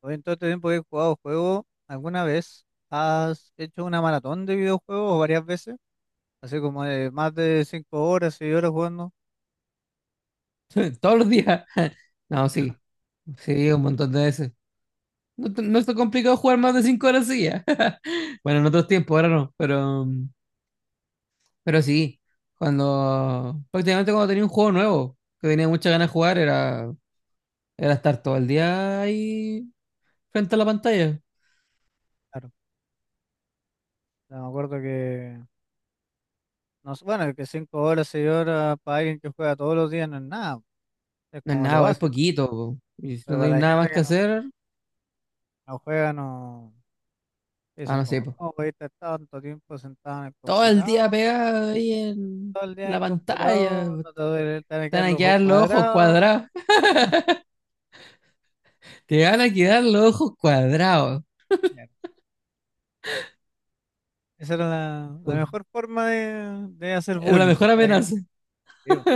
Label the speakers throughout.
Speaker 1: Oye, en todo este tiempo que he jugado juegos, ¿alguna vez has hecho una maratón de videojuegos o varias veces? Así como de más de 5 horas, 6 horas jugando.
Speaker 2: Todos los días. No, sí, sí, un montón de veces. No, no está complicado jugar más de 5 horas, sí. Bueno, en otros tiempos, ahora no, pero sí, cuando prácticamente cuando tenía un juego nuevo que tenía muchas ganas de jugar era estar todo el día ahí frente a la pantalla.
Speaker 1: Claro, ya me acuerdo que, no, sé, bueno, que 5 horas, 6 horas para alguien que juega todos los días no es nada, es
Speaker 2: No es
Speaker 1: como lo
Speaker 2: nada, es
Speaker 1: básico.
Speaker 2: poquito, po. Y si
Speaker 1: Pero
Speaker 2: no
Speaker 1: para
Speaker 2: tenés
Speaker 1: la
Speaker 2: nada
Speaker 1: gente
Speaker 2: más
Speaker 1: que
Speaker 2: que
Speaker 1: no,
Speaker 2: hacer,
Speaker 1: no juega, no
Speaker 2: ah,
Speaker 1: dicen
Speaker 2: no sé,
Speaker 1: como,
Speaker 2: po.
Speaker 1: ¿cómo puedes estar tanto tiempo sentado en el
Speaker 2: Todo el
Speaker 1: computador?
Speaker 2: día pegado ahí en
Speaker 1: Todo el día en
Speaker 2: la
Speaker 1: el
Speaker 2: pantalla,
Speaker 1: computador,
Speaker 2: po.
Speaker 1: no te duele, te van a
Speaker 2: Te van
Speaker 1: quedar
Speaker 2: a
Speaker 1: los ojos
Speaker 2: quedar los ojos
Speaker 1: cuadrados.
Speaker 2: cuadrados. Te van a quedar los ojos cuadrados.
Speaker 1: Esa era la mejor forma de hacer
Speaker 2: Era la
Speaker 1: bullying
Speaker 2: mejor
Speaker 1: a la
Speaker 2: amenaza.
Speaker 1: gente. Sí, po.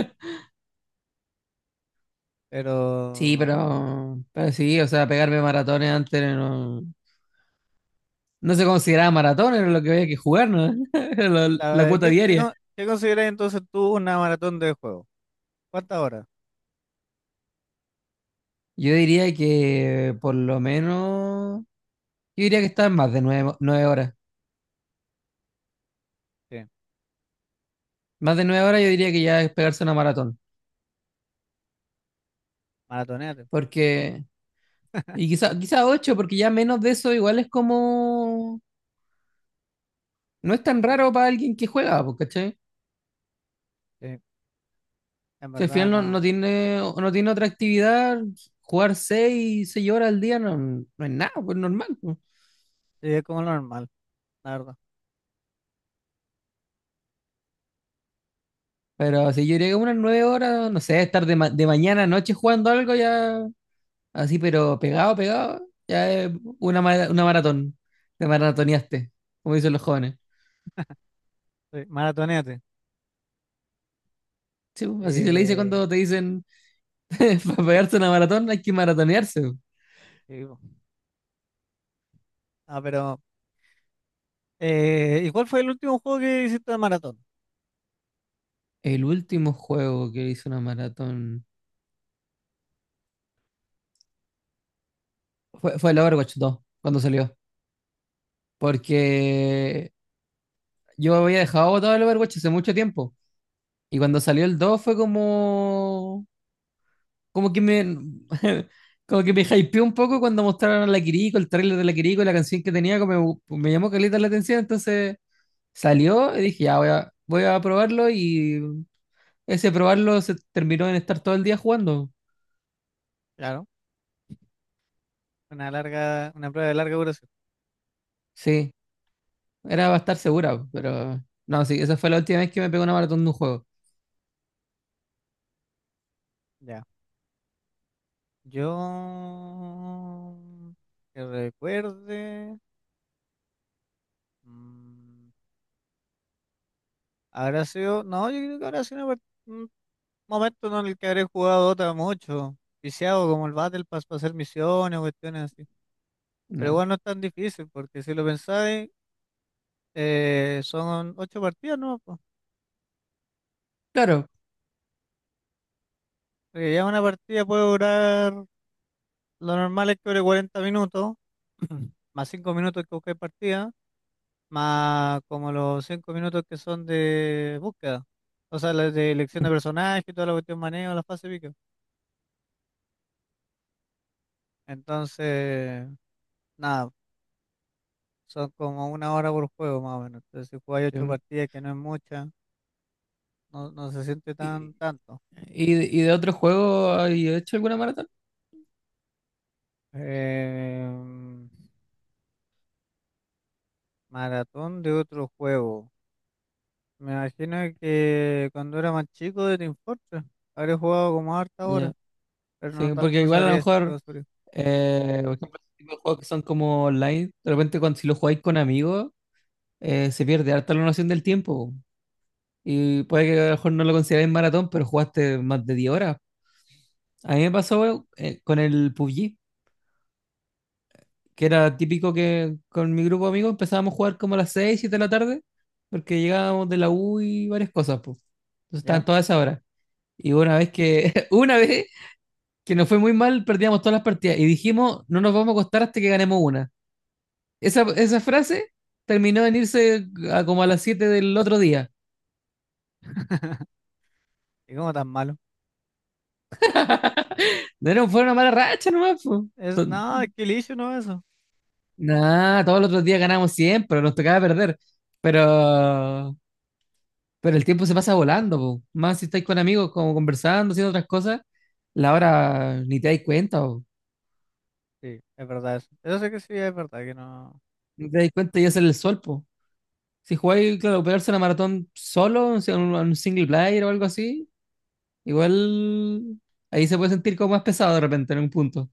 Speaker 1: Pero,
Speaker 2: Sí, pero sí, o sea, pegarme maratones antes no se consideraba maratón, era lo que había que jugar, ¿no? Era la
Speaker 1: claro,
Speaker 2: cuota
Speaker 1: ¿qué, qué,
Speaker 2: diaria.
Speaker 1: con- qué consideras entonces tú una maratón de juego? ¿Cuántas horas?
Speaker 2: Yo diría que por lo menos, yo diría que está en más de nueve horas.
Speaker 1: Sí,
Speaker 2: Más de 9 horas yo diría que ya es pegarse una maratón.
Speaker 1: maratoneate.
Speaker 2: Porque, y quizá ocho, porque ya menos de eso igual es como, no es tan raro para alguien que juega, po, ¿cachai?
Speaker 1: Sí, en
Speaker 2: Si al
Speaker 1: verdad
Speaker 2: final no,
Speaker 1: no,
Speaker 2: no
Speaker 1: no.
Speaker 2: tiene, no tiene otra actividad, jugar seis horas al día no es nada, pues normal, pues.
Speaker 1: Sí, es como lo normal, la verdad.
Speaker 2: Pero si yo llega unas 9 horas, no sé, estar de mañana a noche jugando algo ya, así, pero pegado, pegado, ya es una maratón. Te maratoneaste, como dicen los jóvenes.
Speaker 1: Sí, maratoneate.
Speaker 2: Sí, pues, así se le dice
Speaker 1: Eh,
Speaker 2: cuando te dicen, para pegarse una maratón hay que maratonearse, pues.
Speaker 1: sí, po. Ah, pero, ¿y cuál fue el último juego que hiciste de maratón?
Speaker 2: El último juego que hizo una maratón fue el Overwatch 2, cuando salió. Porque yo había dejado botado el Overwatch hace mucho tiempo. Y cuando salió el 2 fue como. Como que me. Como que me hypeó un poco cuando mostraron a la Kiriko, el tráiler de la Kiriko y la canción que tenía, como me llamó caleta la atención. Entonces salió y dije, ya voy a probarlo. Y ese probarlo se terminó en estar todo el día jugando.
Speaker 1: Claro, una larga, una prueba de larga duración.
Speaker 2: Sí, era para estar segura, pero. No, sí, esa fue la última vez que me pegó una maratón de un juego.
Speaker 1: Ya. Yo, que recuerde. mm, Habrá sido, no, yo creo que habrá sido un momento, ¿no?, en el que habré jugado Dota mucho, viciado como el Battle Pass para hacer misiones o cuestiones así. Pero
Speaker 2: No.
Speaker 1: igual no es tan difícil, porque si lo pensáis, son ocho partidas, ¿no?, po.
Speaker 2: Claro.
Speaker 1: Porque ya una partida puede durar, lo normal es que dure 40 minutos, más 5 minutos que buscáis partida, más como los 5 minutos que son de búsqueda. O sea, las de elección de personaje y toda la cuestión manejo, la fase pico. Entonces, nada. Son como una hora por juego más o menos. Entonces, si jugáis ocho
Speaker 2: em,
Speaker 1: partidas, que no es mucha, no, no se siente
Speaker 2: Y,
Speaker 1: tan tanto.
Speaker 2: y de otro juego, ¿y he hecho alguna maratón?
Speaker 1: Em, maratón de otro juego. Me imagino que cuando era más chico de Team Fortress, habré jugado como harta hora,
Speaker 2: Ya.
Speaker 1: pero no,
Speaker 2: Sí,
Speaker 1: ta-
Speaker 2: porque
Speaker 1: no
Speaker 2: igual a lo
Speaker 1: sabría decirte
Speaker 2: mejor,
Speaker 1: con seguridad.
Speaker 2: por ejemplo, ese tipo de juegos que son como online, de repente cuando, si lo jugáis con amigos, se pierde harta la noción del tiempo. Y puede que a lo mejor no lo consideráis maratón, pero jugaste más de 10 horas. A mí me pasó, con el PUBG, que era típico que con mi grupo de amigos empezábamos a jugar como a las 6, 7 de la tarde, porque llegábamos de la U y varias cosas, pues. Entonces
Speaker 1: ¿Ya?
Speaker 2: estaban todas esas horas. Y una vez que, una vez que nos fue muy mal, perdíamos todas las partidas. Y dijimos, no nos vamos a acostar hasta que ganemos una. Esa frase terminó en irse a como a las 7 del otro día.
Speaker 1: ¿Y cómo tan malo?
Speaker 2: No era, fue una mala racha nomás, po.
Speaker 1: Es
Speaker 2: To-
Speaker 1: nada, es que el issue no es eso.
Speaker 2: Nah, todos los otros días ganamos siempre, nos tocaba perder. Pero, pero, el tiempo se pasa volando, po. Más si estáis con amigos, como conversando, haciendo otras cosas, la hora ni te dais cuenta, po.
Speaker 1: Sí, es verdad eso. Eso sé que sí, es verdad que no.
Speaker 2: Ni te dais cuenta y es el sol, po. Si jugáis, claro, pegarse una maratón solo, o sea, un single player o algo así, igual ahí se puede sentir como más pesado de repente en un punto.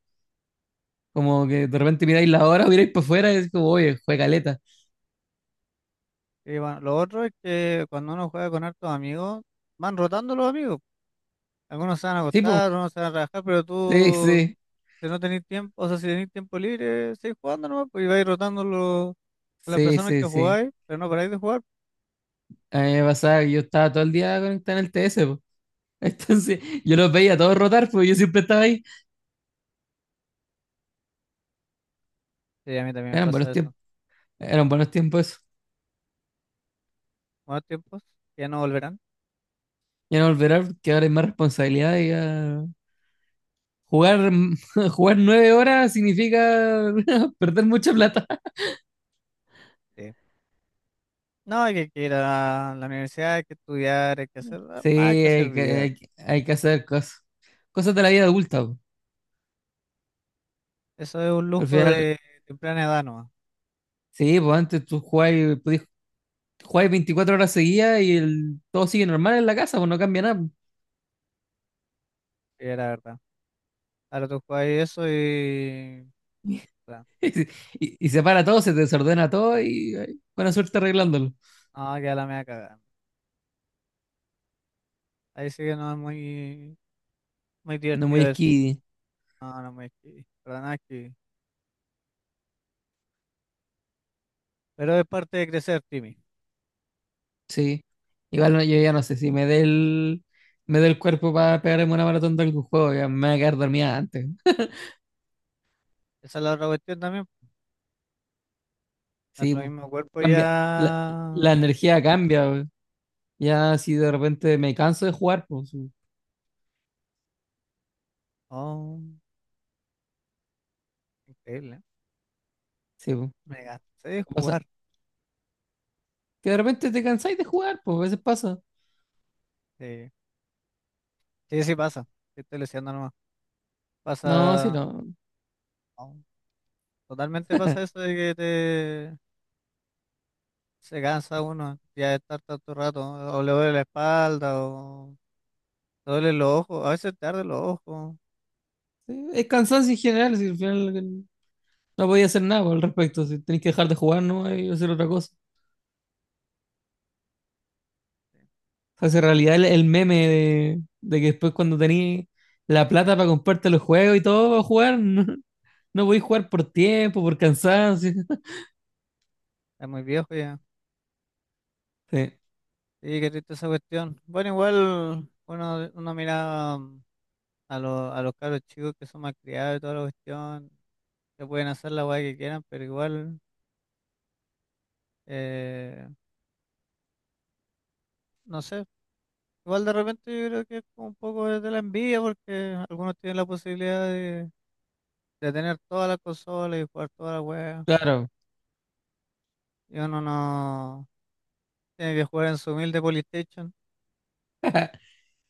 Speaker 2: Como que de repente miráis la hora, miráis para afuera y es como, oye, fue caleta.
Speaker 1: Y bueno, lo otro es que cuando uno juega con hartos amigos, van rotando los amigos. Algunos se van a
Speaker 2: Sí, pues,
Speaker 1: acostar, algunos se van a trabajar, pero
Speaker 2: sí,
Speaker 1: tú,
Speaker 2: sí,
Speaker 1: si no tenés tiempo, o sea, si tenés tiempo libre, seguís jugando nomás, pues, y vais rotando a las
Speaker 2: sí,
Speaker 1: personas que
Speaker 2: sí, sí.
Speaker 1: jugáis, pero no paráis de jugar.
Speaker 2: A mí me pasaba que yo estaba todo el día conectado en el TS, po. Entonces yo los veía todos rotar, pues yo siempre estaba ahí.
Speaker 1: Sí, a mí también me
Speaker 2: Eran
Speaker 1: pasa
Speaker 2: buenos
Speaker 1: eso.
Speaker 2: tiempos, eran buenos tiempos eso.
Speaker 1: Buenos tiempos, que ya no volverán.
Speaker 2: Ya no volverá porque ahora hay más responsabilidad y jugar, jugar 9 horas significa perder mucha plata.
Speaker 1: Sí. No, hay que ir a la universidad, hay que estudiar,
Speaker 2: Sí,
Speaker 1: hay que hacer
Speaker 2: hay que,
Speaker 1: vida.
Speaker 2: hay que- hay que hacer cosas. Cosas de la vida adulta, po.
Speaker 1: Eso es un
Speaker 2: Al
Speaker 1: lujo
Speaker 2: final,
Speaker 1: de temprana edad nomás,
Speaker 2: sí, pues antes tú jugabas y podías juegas 24 horas seguidas y el, todo sigue normal en la casa, pues no cambia nada.
Speaker 1: que era verdad. Ahora tú jugáis eso y puta,
Speaker 2: Y se para todo, se desordena todo y ay, buena suerte arreglándolo.
Speaker 1: no, queda la media cagada. Ahí sí que no es muy, muy
Speaker 2: No
Speaker 1: divertido
Speaker 2: muy
Speaker 1: eso.
Speaker 2: skiddy,
Speaker 1: No, no es muy. Para nada. Pero es parte de crecer, Timmy.
Speaker 2: sí. Igual yo ya no sé si me dé el cuerpo para pegarme una maratón de algún juego, ya me voy a quedar dormida antes.
Speaker 1: Esa es la otra cuestión también.
Speaker 2: Sí,
Speaker 1: Nuestro
Speaker 2: pues,
Speaker 1: mismo cuerpo
Speaker 2: cambia, la, la
Speaker 1: ya.
Speaker 2: energía cambia, pues. Ya si de repente me canso de jugar, pues sí,
Speaker 1: Oh, increíble, ¿eh?
Speaker 2: sí, pues,
Speaker 1: Me gasté de
Speaker 2: pasa.
Speaker 1: jugar.
Speaker 2: Que de repente te cansáis de jugar, pues a veces pasa.
Speaker 1: Sí, sí, sí pasa. Sí, estoy leseando nomás.
Speaker 2: No, sí,
Speaker 1: Pasa.
Speaker 2: no.
Speaker 1: Oh, totalmente pasa eso de que te. Se cansa uno ya de estar tanto rato, ¿no? O le duele la espalda, o le duele los ojos. A veces te arden los ojos.
Speaker 2: Sí, es cansancio en general, si al final, no podía hacer nada al respecto, si tenés que dejar de jugar, ¿no? Y hacer otra cosa. O sea, si en realidad el meme de que después cuando tenés la plata para comprarte los juegos y todo para jugar, no podés jugar por tiempo, por cansancio.
Speaker 1: Es muy viejo ya.
Speaker 2: Sí,
Speaker 1: Sí, qué triste esa cuestión. Bueno, igual uno mira a los cabros chicos que son malcriados y toda la cuestión, que pueden hacer la weá que quieran, pero igual, eh, no sé, igual de repente yo creo que es como un poco de la envidia porque algunos tienen la posibilidad de tener todas las consolas y jugar toda la weá,
Speaker 2: claro.
Speaker 1: y uno no tiene que jugar en su humilde Polystation,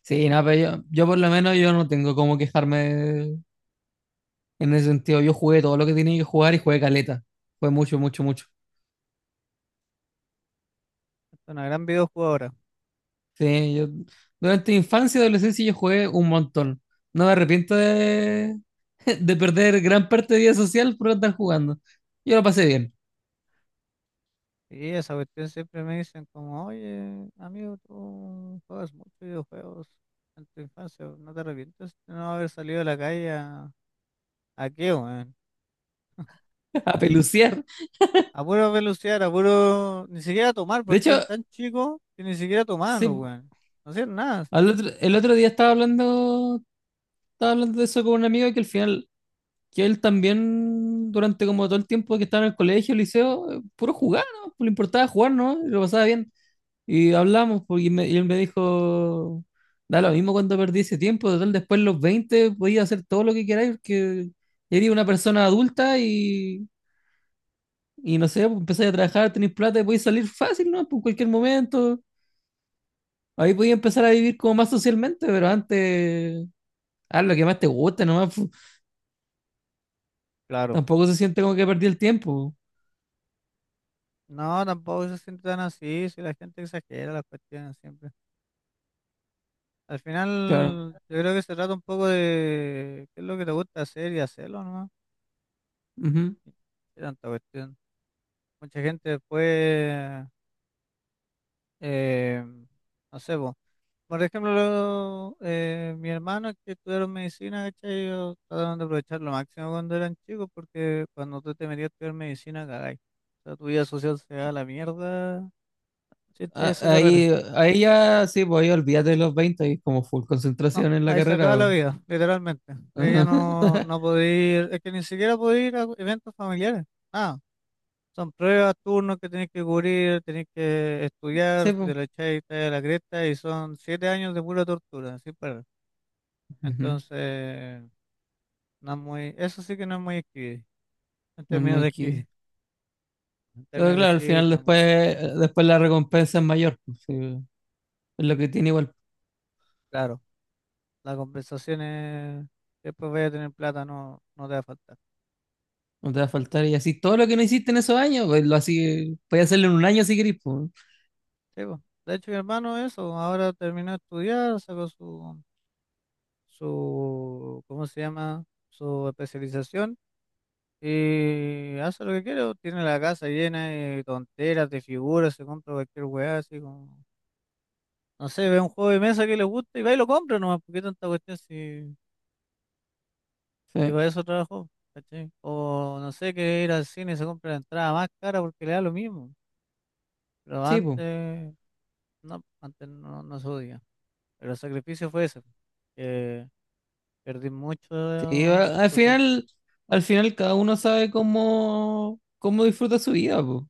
Speaker 2: Sí, no, pero yo por lo menos yo no tengo cómo quejarme en ese sentido. Yo jugué todo lo que tenía que jugar y jugué caleta. Fue mucho, mucho, mucho.
Speaker 1: es una gran videojugadora.
Speaker 2: Sí, yo durante mi infancia y adolescencia yo jugué un montón. No me arrepiento de, de perder gran parte de vida social por andar jugando. Yo lo pasé bien,
Speaker 1: Y esa cuestión siempre me dicen como, oye, amigo, tú juegas muchos videojuegos en tu infancia, ¿no te arrepientes de no haber salido a la calle a? ¿A qué, weón?
Speaker 2: a peluciar.
Speaker 1: A puro velocidad, a puro. Ni siquiera tomar,
Speaker 2: De
Speaker 1: porque
Speaker 2: hecho,
Speaker 1: eran tan chicos que ni siquiera tomaban los
Speaker 2: sí,
Speaker 1: weones. No hacían nada así.
Speaker 2: el otro día estaba hablando, de eso con un amigo que al final, que él también, durante como todo el tiempo que estaba en el colegio, el liceo, puro jugar, ¿no? Pues le importaba jugar, ¿no? Y lo pasaba bien. Y hablamos, porque y él me dijo, da lo mismo cuando perdí ese tiempo, total, después de los 20 podía hacer todo lo que queráis, porque eres una persona adulta y no sé, pues empezáis a trabajar, tenéis plata y podéis salir fácil, ¿no? Por cualquier momento. Ahí podéis empezar a vivir como más socialmente, pero antes, haz lo que más te guste, nomás, pu.
Speaker 1: Claro.
Speaker 2: Tampoco se siente como que perdí el tiempo.
Speaker 1: No, tampoco se siente tan así, si la gente exagera las cuestiones siempre. Al
Speaker 2: Claro.
Speaker 1: final, yo creo que se trata un poco de qué es lo que te gusta hacer y hacerlo, ¿no?
Speaker 2: Ujú.
Speaker 1: Qué tanta cuestión. Mucha gente después, eh, no sé, po, por ejemplo, mi hermano que estudiaron medicina, ¿cachai? Ellos trataron de aprovechar lo máximo cuando eran chicos, porque cuando tú te metías a estudiar medicina, cagáis. O sea, tu vida social se da a la mierda si
Speaker 2: A-
Speaker 1: estudias esa carrera.
Speaker 2: Ahí, ahí ya, sí, pues ahí olvídate de los veinte, ahí es como full
Speaker 1: No,
Speaker 2: concentración en la
Speaker 1: ahí se acaba
Speaker 2: carrera,
Speaker 1: la
Speaker 2: po.
Speaker 1: vida, literalmente. Ella no, no podía ir, es que ni siquiera podía ir a eventos familiares. ah son pruebas, turnos que tenés que cubrir, tenés que estudiar,
Speaker 2: Sí,
Speaker 1: si
Speaker 2: pues.
Speaker 1: te lo echáis, te da la cresta, y son 7 años de pura tortura, sin parar.
Speaker 2: Ujú.
Speaker 1: Entonces. No es muy, eso sí que no es muy escribir. En
Speaker 2: No me
Speaker 1: términos de
Speaker 2: equi-
Speaker 1: escribir,
Speaker 2: Pero claro, al final
Speaker 1: no es muy
Speaker 2: después la recompensa es mayor, pues, sí, es lo que tiene igual.
Speaker 1: claro. La compensación es, después voy a tener plata, no, no te va a faltar.
Speaker 2: No te va a faltar y así todo lo que no hiciste en esos años, pues lo así, puedes hacerlo en un año si querés, po.
Speaker 1: Sí, po. De hecho, mi hermano, eso, ahora terminó de estudiar, sacó su, ¿cómo se llama? Su especialización y hace lo que quiere, po. Tiene la casa llena de tonteras, de figuras, se compra cualquier weá, así como, no sé, ve un juego de mesa que le gusta y va y lo compra nomás, porque tanta cuestión si.
Speaker 2: Sí,
Speaker 1: Y para eso trabajó, ¿cachai? O no sé, que ir al cine y se compra la entrada más cara porque le da lo mismo. Pero
Speaker 2: sí, po.
Speaker 1: antes no, no se podía. Pero el sacrificio fue ese, que perdí
Speaker 2: Sí,
Speaker 1: mucho
Speaker 2: a- al
Speaker 1: social.
Speaker 2: final, al final cada uno sabe cómo disfruta su vida, po.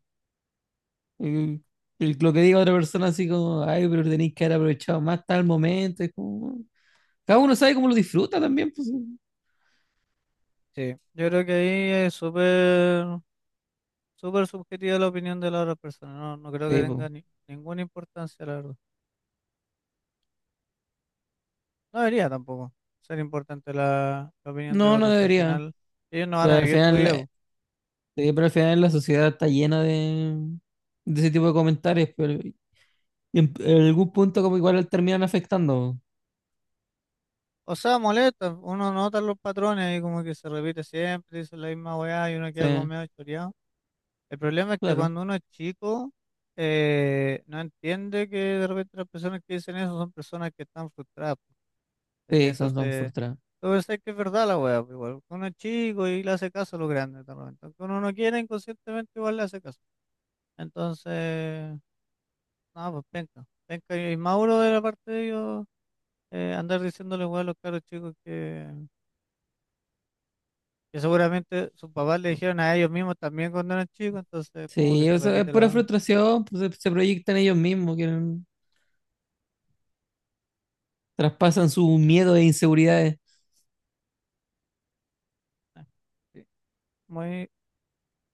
Speaker 2: Y- y lo que diga otra persona así como, ay, pero tenéis que haber aprovechado más tal momento, es como, cada uno sabe cómo lo disfruta también, pues.
Speaker 1: Sí, yo creo que ahí es súper, súper subjetiva la opinión de la otra persona. No, no creo que
Speaker 2: Sí, po.
Speaker 1: tenga ninguna importancia, la verdad. No debería tampoco ser importante la opinión de
Speaker 2: No, no
Speaker 1: otros, si al
Speaker 2: debería.
Speaker 1: final, ellos no van
Speaker 2: Pero
Speaker 1: a
Speaker 2: al
Speaker 1: vivir tu
Speaker 2: final,
Speaker 1: vida, po.
Speaker 2: sí, pero al final la sociedad está llena de ese tipo de comentarios, pero en algún punto como igual terminan afectando, po.
Speaker 1: O sea, molesta, uno nota los patrones ahí como que se repite siempre, dice la misma weá y uno queda como
Speaker 2: Sí,
Speaker 1: medio choreado. El problema es que
Speaker 2: claro.
Speaker 1: cuando uno es chico, no entiende que de repente las personas que dicen eso son personas que están frustradas, po, ¿cachai?
Speaker 2: Sí, son
Speaker 1: Entonces,
Speaker 2: frustrados.
Speaker 1: tú pensás que es verdad la weá, po, igual, uno es chico y le hace caso a los grandes, de repente. Aunque uno no quiera, inconscientemente igual le hace caso. Entonces, no, pues penca, penca y Mauro de la parte de ellos, andar diciéndole weá a los caros chicos que seguramente sus papás le dijeron a ellos mismos también cuando eran chicos, entonces como que
Speaker 2: Sí,
Speaker 1: se
Speaker 2: o sea, es
Speaker 1: repite
Speaker 2: pura
Speaker 1: la.
Speaker 2: frustración, pues, se proyectan ellos mismos, quieren, traspasan su miedo e inseguridades.
Speaker 1: Eh, sí. Muy,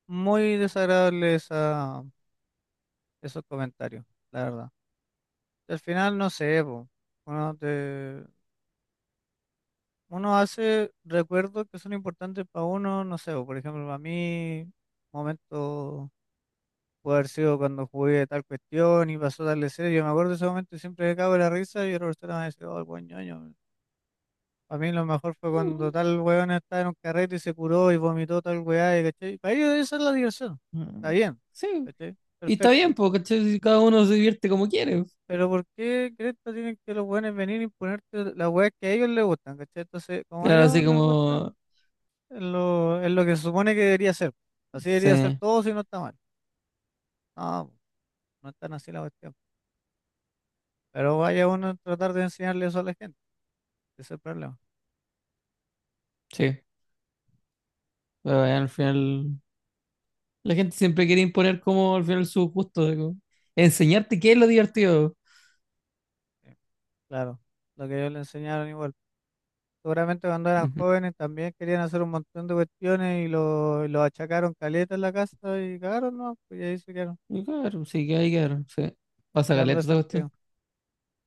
Speaker 1: muy desagradable esa, esos comentarios, la verdad. Y al final, no sé, po, uno, te- uno hace recuerdos que son importantes para uno, no sé, po, por ejemplo, para mí, momento puede haber sido cuando jugué tal cuestión y pasó tal escena, yo me acuerdo de ese momento y siempre me cago en la risa y otra persona me dice, oh, el buen ñoño. Para mí lo mejor fue cuando
Speaker 2: Mm,
Speaker 1: tal weón estaba en un carrete y se curó y vomitó tal weá, y ¿cachai? Para ellos esa es la diversión. Está
Speaker 2: mm.
Speaker 1: bien,
Speaker 2: Sí,
Speaker 1: ¿cachai?
Speaker 2: y está bien,
Speaker 1: Perfecto.
Speaker 2: porque cada uno se divierte como quiere.
Speaker 1: Pero ¿por qué cresta tienen que los weones venir y ponerte las weas que a ellos les gustan, ¿cachai? Entonces, como a
Speaker 2: Claro, así
Speaker 1: ellos les gustan,
Speaker 2: como,
Speaker 1: es lo que se supone que debería ser. Así debería ser
Speaker 2: sí,
Speaker 1: todo, si no está mal. No, no es tan así la cuestión. Pero vaya uno a tratar de enseñarle eso a la gente. Ese es el problema.
Speaker 2: sí, pero bueno, al final la gente siempre quiere imponer como al final su gusto, de como enseñarte qué es lo divertido.
Speaker 1: Sí, claro, lo que ellos le enseñaron igual. Seguramente cuando eran
Speaker 2: Ujú.
Speaker 1: jóvenes también querían hacer un montón de cuestiones y lo achacaron caleta en la casa y cagaron, ¿no? Pues y ahí se quedaron,
Speaker 2: Y claro, sí, que hay que ver, sí. Pasa
Speaker 1: quedaron
Speaker 2: caleta esa
Speaker 1: resentidos.
Speaker 2: cuestión.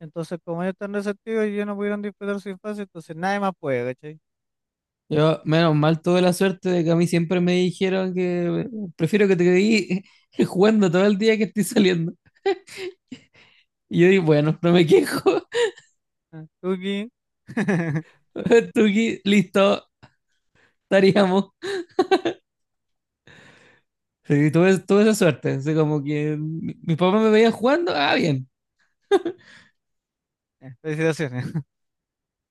Speaker 1: Entonces, como ellos están resentidos y ellos no pudieron disfrutar su infancia, entonces nadie más puede, ¿cachai?
Speaker 2: Yo, menos mal, tuve la suerte de que a mí siempre me dijeron que, prefiero que te quedes jugando todo el día que estoy saliendo. Y yo dije, bueno, no me quejo.
Speaker 1: Ah, Tuki.
Speaker 2: Tuki, listo, estaríamos. Sí, tuve esa suerte. Así como que mis papás me veían jugando, ah, bien.
Speaker 1: Felicitaciones.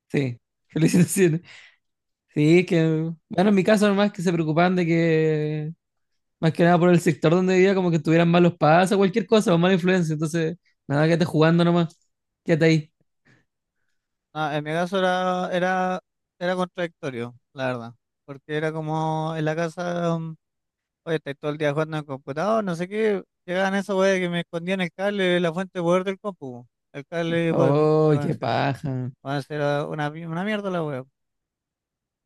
Speaker 2: Sí, felicitaciones.
Speaker 1: No,
Speaker 2: Sí, es que, bueno, en mi caso nomás que se preocupaban de que, más que nada por el sector donde vivía, como que tuvieran malos pasos, cualquier cosa, o mala influencia. Entonces, nada, quédate jugando nomás. Quédate ahí.
Speaker 1: no, en mi caso era contradictorio, la verdad. Porque era como en la casa. Oye, estáis todo el día jugando en el computador, no sé qué. Llegaban esos weas que me escondían el cable, la fuente de poder del compu, el cable de poder, la
Speaker 2: Oh, qué
Speaker 1: conexión.
Speaker 2: paja.
Speaker 1: Van a ser una mierda la wea.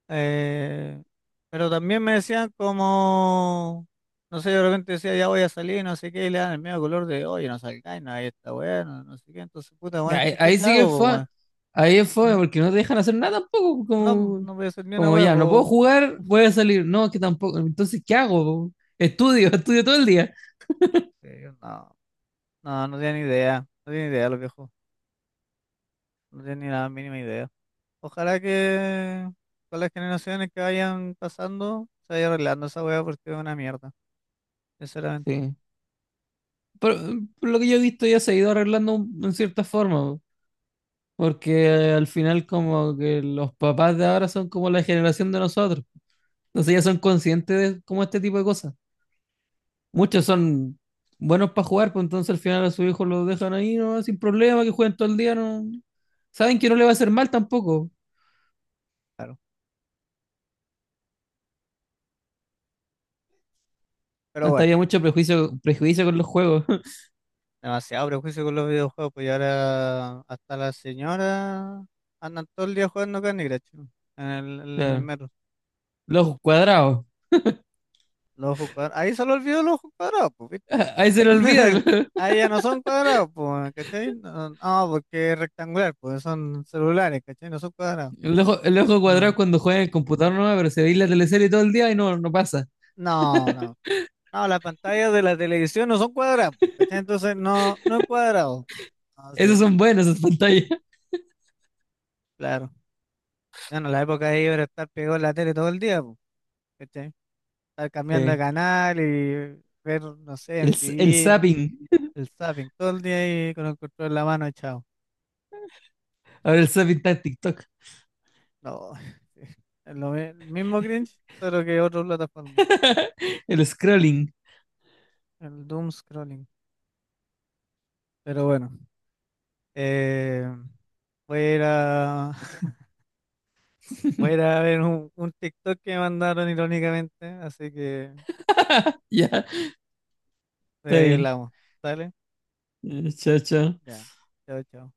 Speaker 1: Eh, pero también me decían como, no sé, de repente decía, ya voy a salir, no sé qué, y le dan el medio color de, oye, no salgáis, no, ahí está wea, no, no sé qué. Entonces, puta,
Speaker 2: Ya,
Speaker 1: weón,
Speaker 2: Ahí,
Speaker 1: ¿qué
Speaker 2: ahí
Speaker 1: chucha
Speaker 2: sí que
Speaker 1: hago, po,
Speaker 2: fue,
Speaker 1: weón?
Speaker 2: ahí es fue
Speaker 1: Mm.
Speaker 2: porque no te dejan hacer nada tampoco,
Speaker 1: No,
Speaker 2: como,
Speaker 1: no voy a hacer ni una
Speaker 2: como
Speaker 1: wea,
Speaker 2: ya, no puedo
Speaker 1: po.
Speaker 2: jugar, voy a salir, no, que tampoco, entonces, ¿qué hago? Estudio, estudio todo el día.
Speaker 1: Sí, no, no, no tenía idea, no tenía idea los viejos, no tenía ni la mínima idea. Ojalá que con las generaciones que vayan pasando se vaya arreglando esa weá porque es una mierda, sinceramente.
Speaker 2: Sí. Por, por lo que yo he visto ya se ha ido arreglando en cierta forma, porque al final como que los papás de ahora son como la generación de nosotros, entonces ya son conscientes de como este tipo de cosas. Muchos son buenos para jugar, pues entonces al final a su hijo lo dejan ahí, ¿no? Sin problema, que jueguen todo el día, no. Saben que no le va a hacer mal tampoco.
Speaker 1: Claro. Pero
Speaker 2: Antes
Speaker 1: bueno,
Speaker 2: había mucho prejuicio, prejuicio con los juegos.
Speaker 1: demasiado prejuicio con los videojuegos, pues, y ahora hasta las señoras andan todo el día jugando Candy Crush, ¿no?, en el
Speaker 2: Claro.
Speaker 1: metro.
Speaker 2: Los ojos cuadrados.
Speaker 1: Los ojos cuadrados. Ahí se le olvidó los ojos cuadrados, pues, ¿viste?
Speaker 2: Ahí se le olvida, claro.
Speaker 1: Ahí ya no son cuadrados, pues, ¿cachai? No, no, porque es rectangular, pues son celulares, ¿cachai? No son cuadrados.
Speaker 2: El ojo
Speaker 1: Mm.
Speaker 2: cuadrado cuando juega en el computador no, pero se ve la teleserie todo el día y no pasa.
Speaker 1: No, no. No, las pantallas de la televisión no son cuadradas, pues, ¿cachai? Entonces no, no es cuadrado. Ah, sí,
Speaker 2: Esos son buenos, esas pantallas.
Speaker 1: claro. Bueno, la época de ellos era estar pegado en la tele todo el día, pues, ¿cachai? Estar cambiando de
Speaker 2: Sí.
Speaker 1: canal y ver, no sé,
Speaker 2: El
Speaker 1: MTV, o
Speaker 2: zapping.
Speaker 1: el zapping, todo el día ahí con el control en la mano echado.
Speaker 2: Ahora el zapping está en TikTok.
Speaker 1: No, sí. Es lo mismo cringe, pero que otra plataforma.
Speaker 2: El scrolling.
Speaker 1: El doom scrolling. Pero bueno, eh, voy a ir a, voy a ir a ver un TikTok que me mandaron irónicamente, así que.
Speaker 2: Ya, yeah, está
Speaker 1: Ahí
Speaker 2: bien.
Speaker 1: hablamos. ¿Sale?
Speaker 2: Chao, chao.
Speaker 1: Ya. Chao, chao.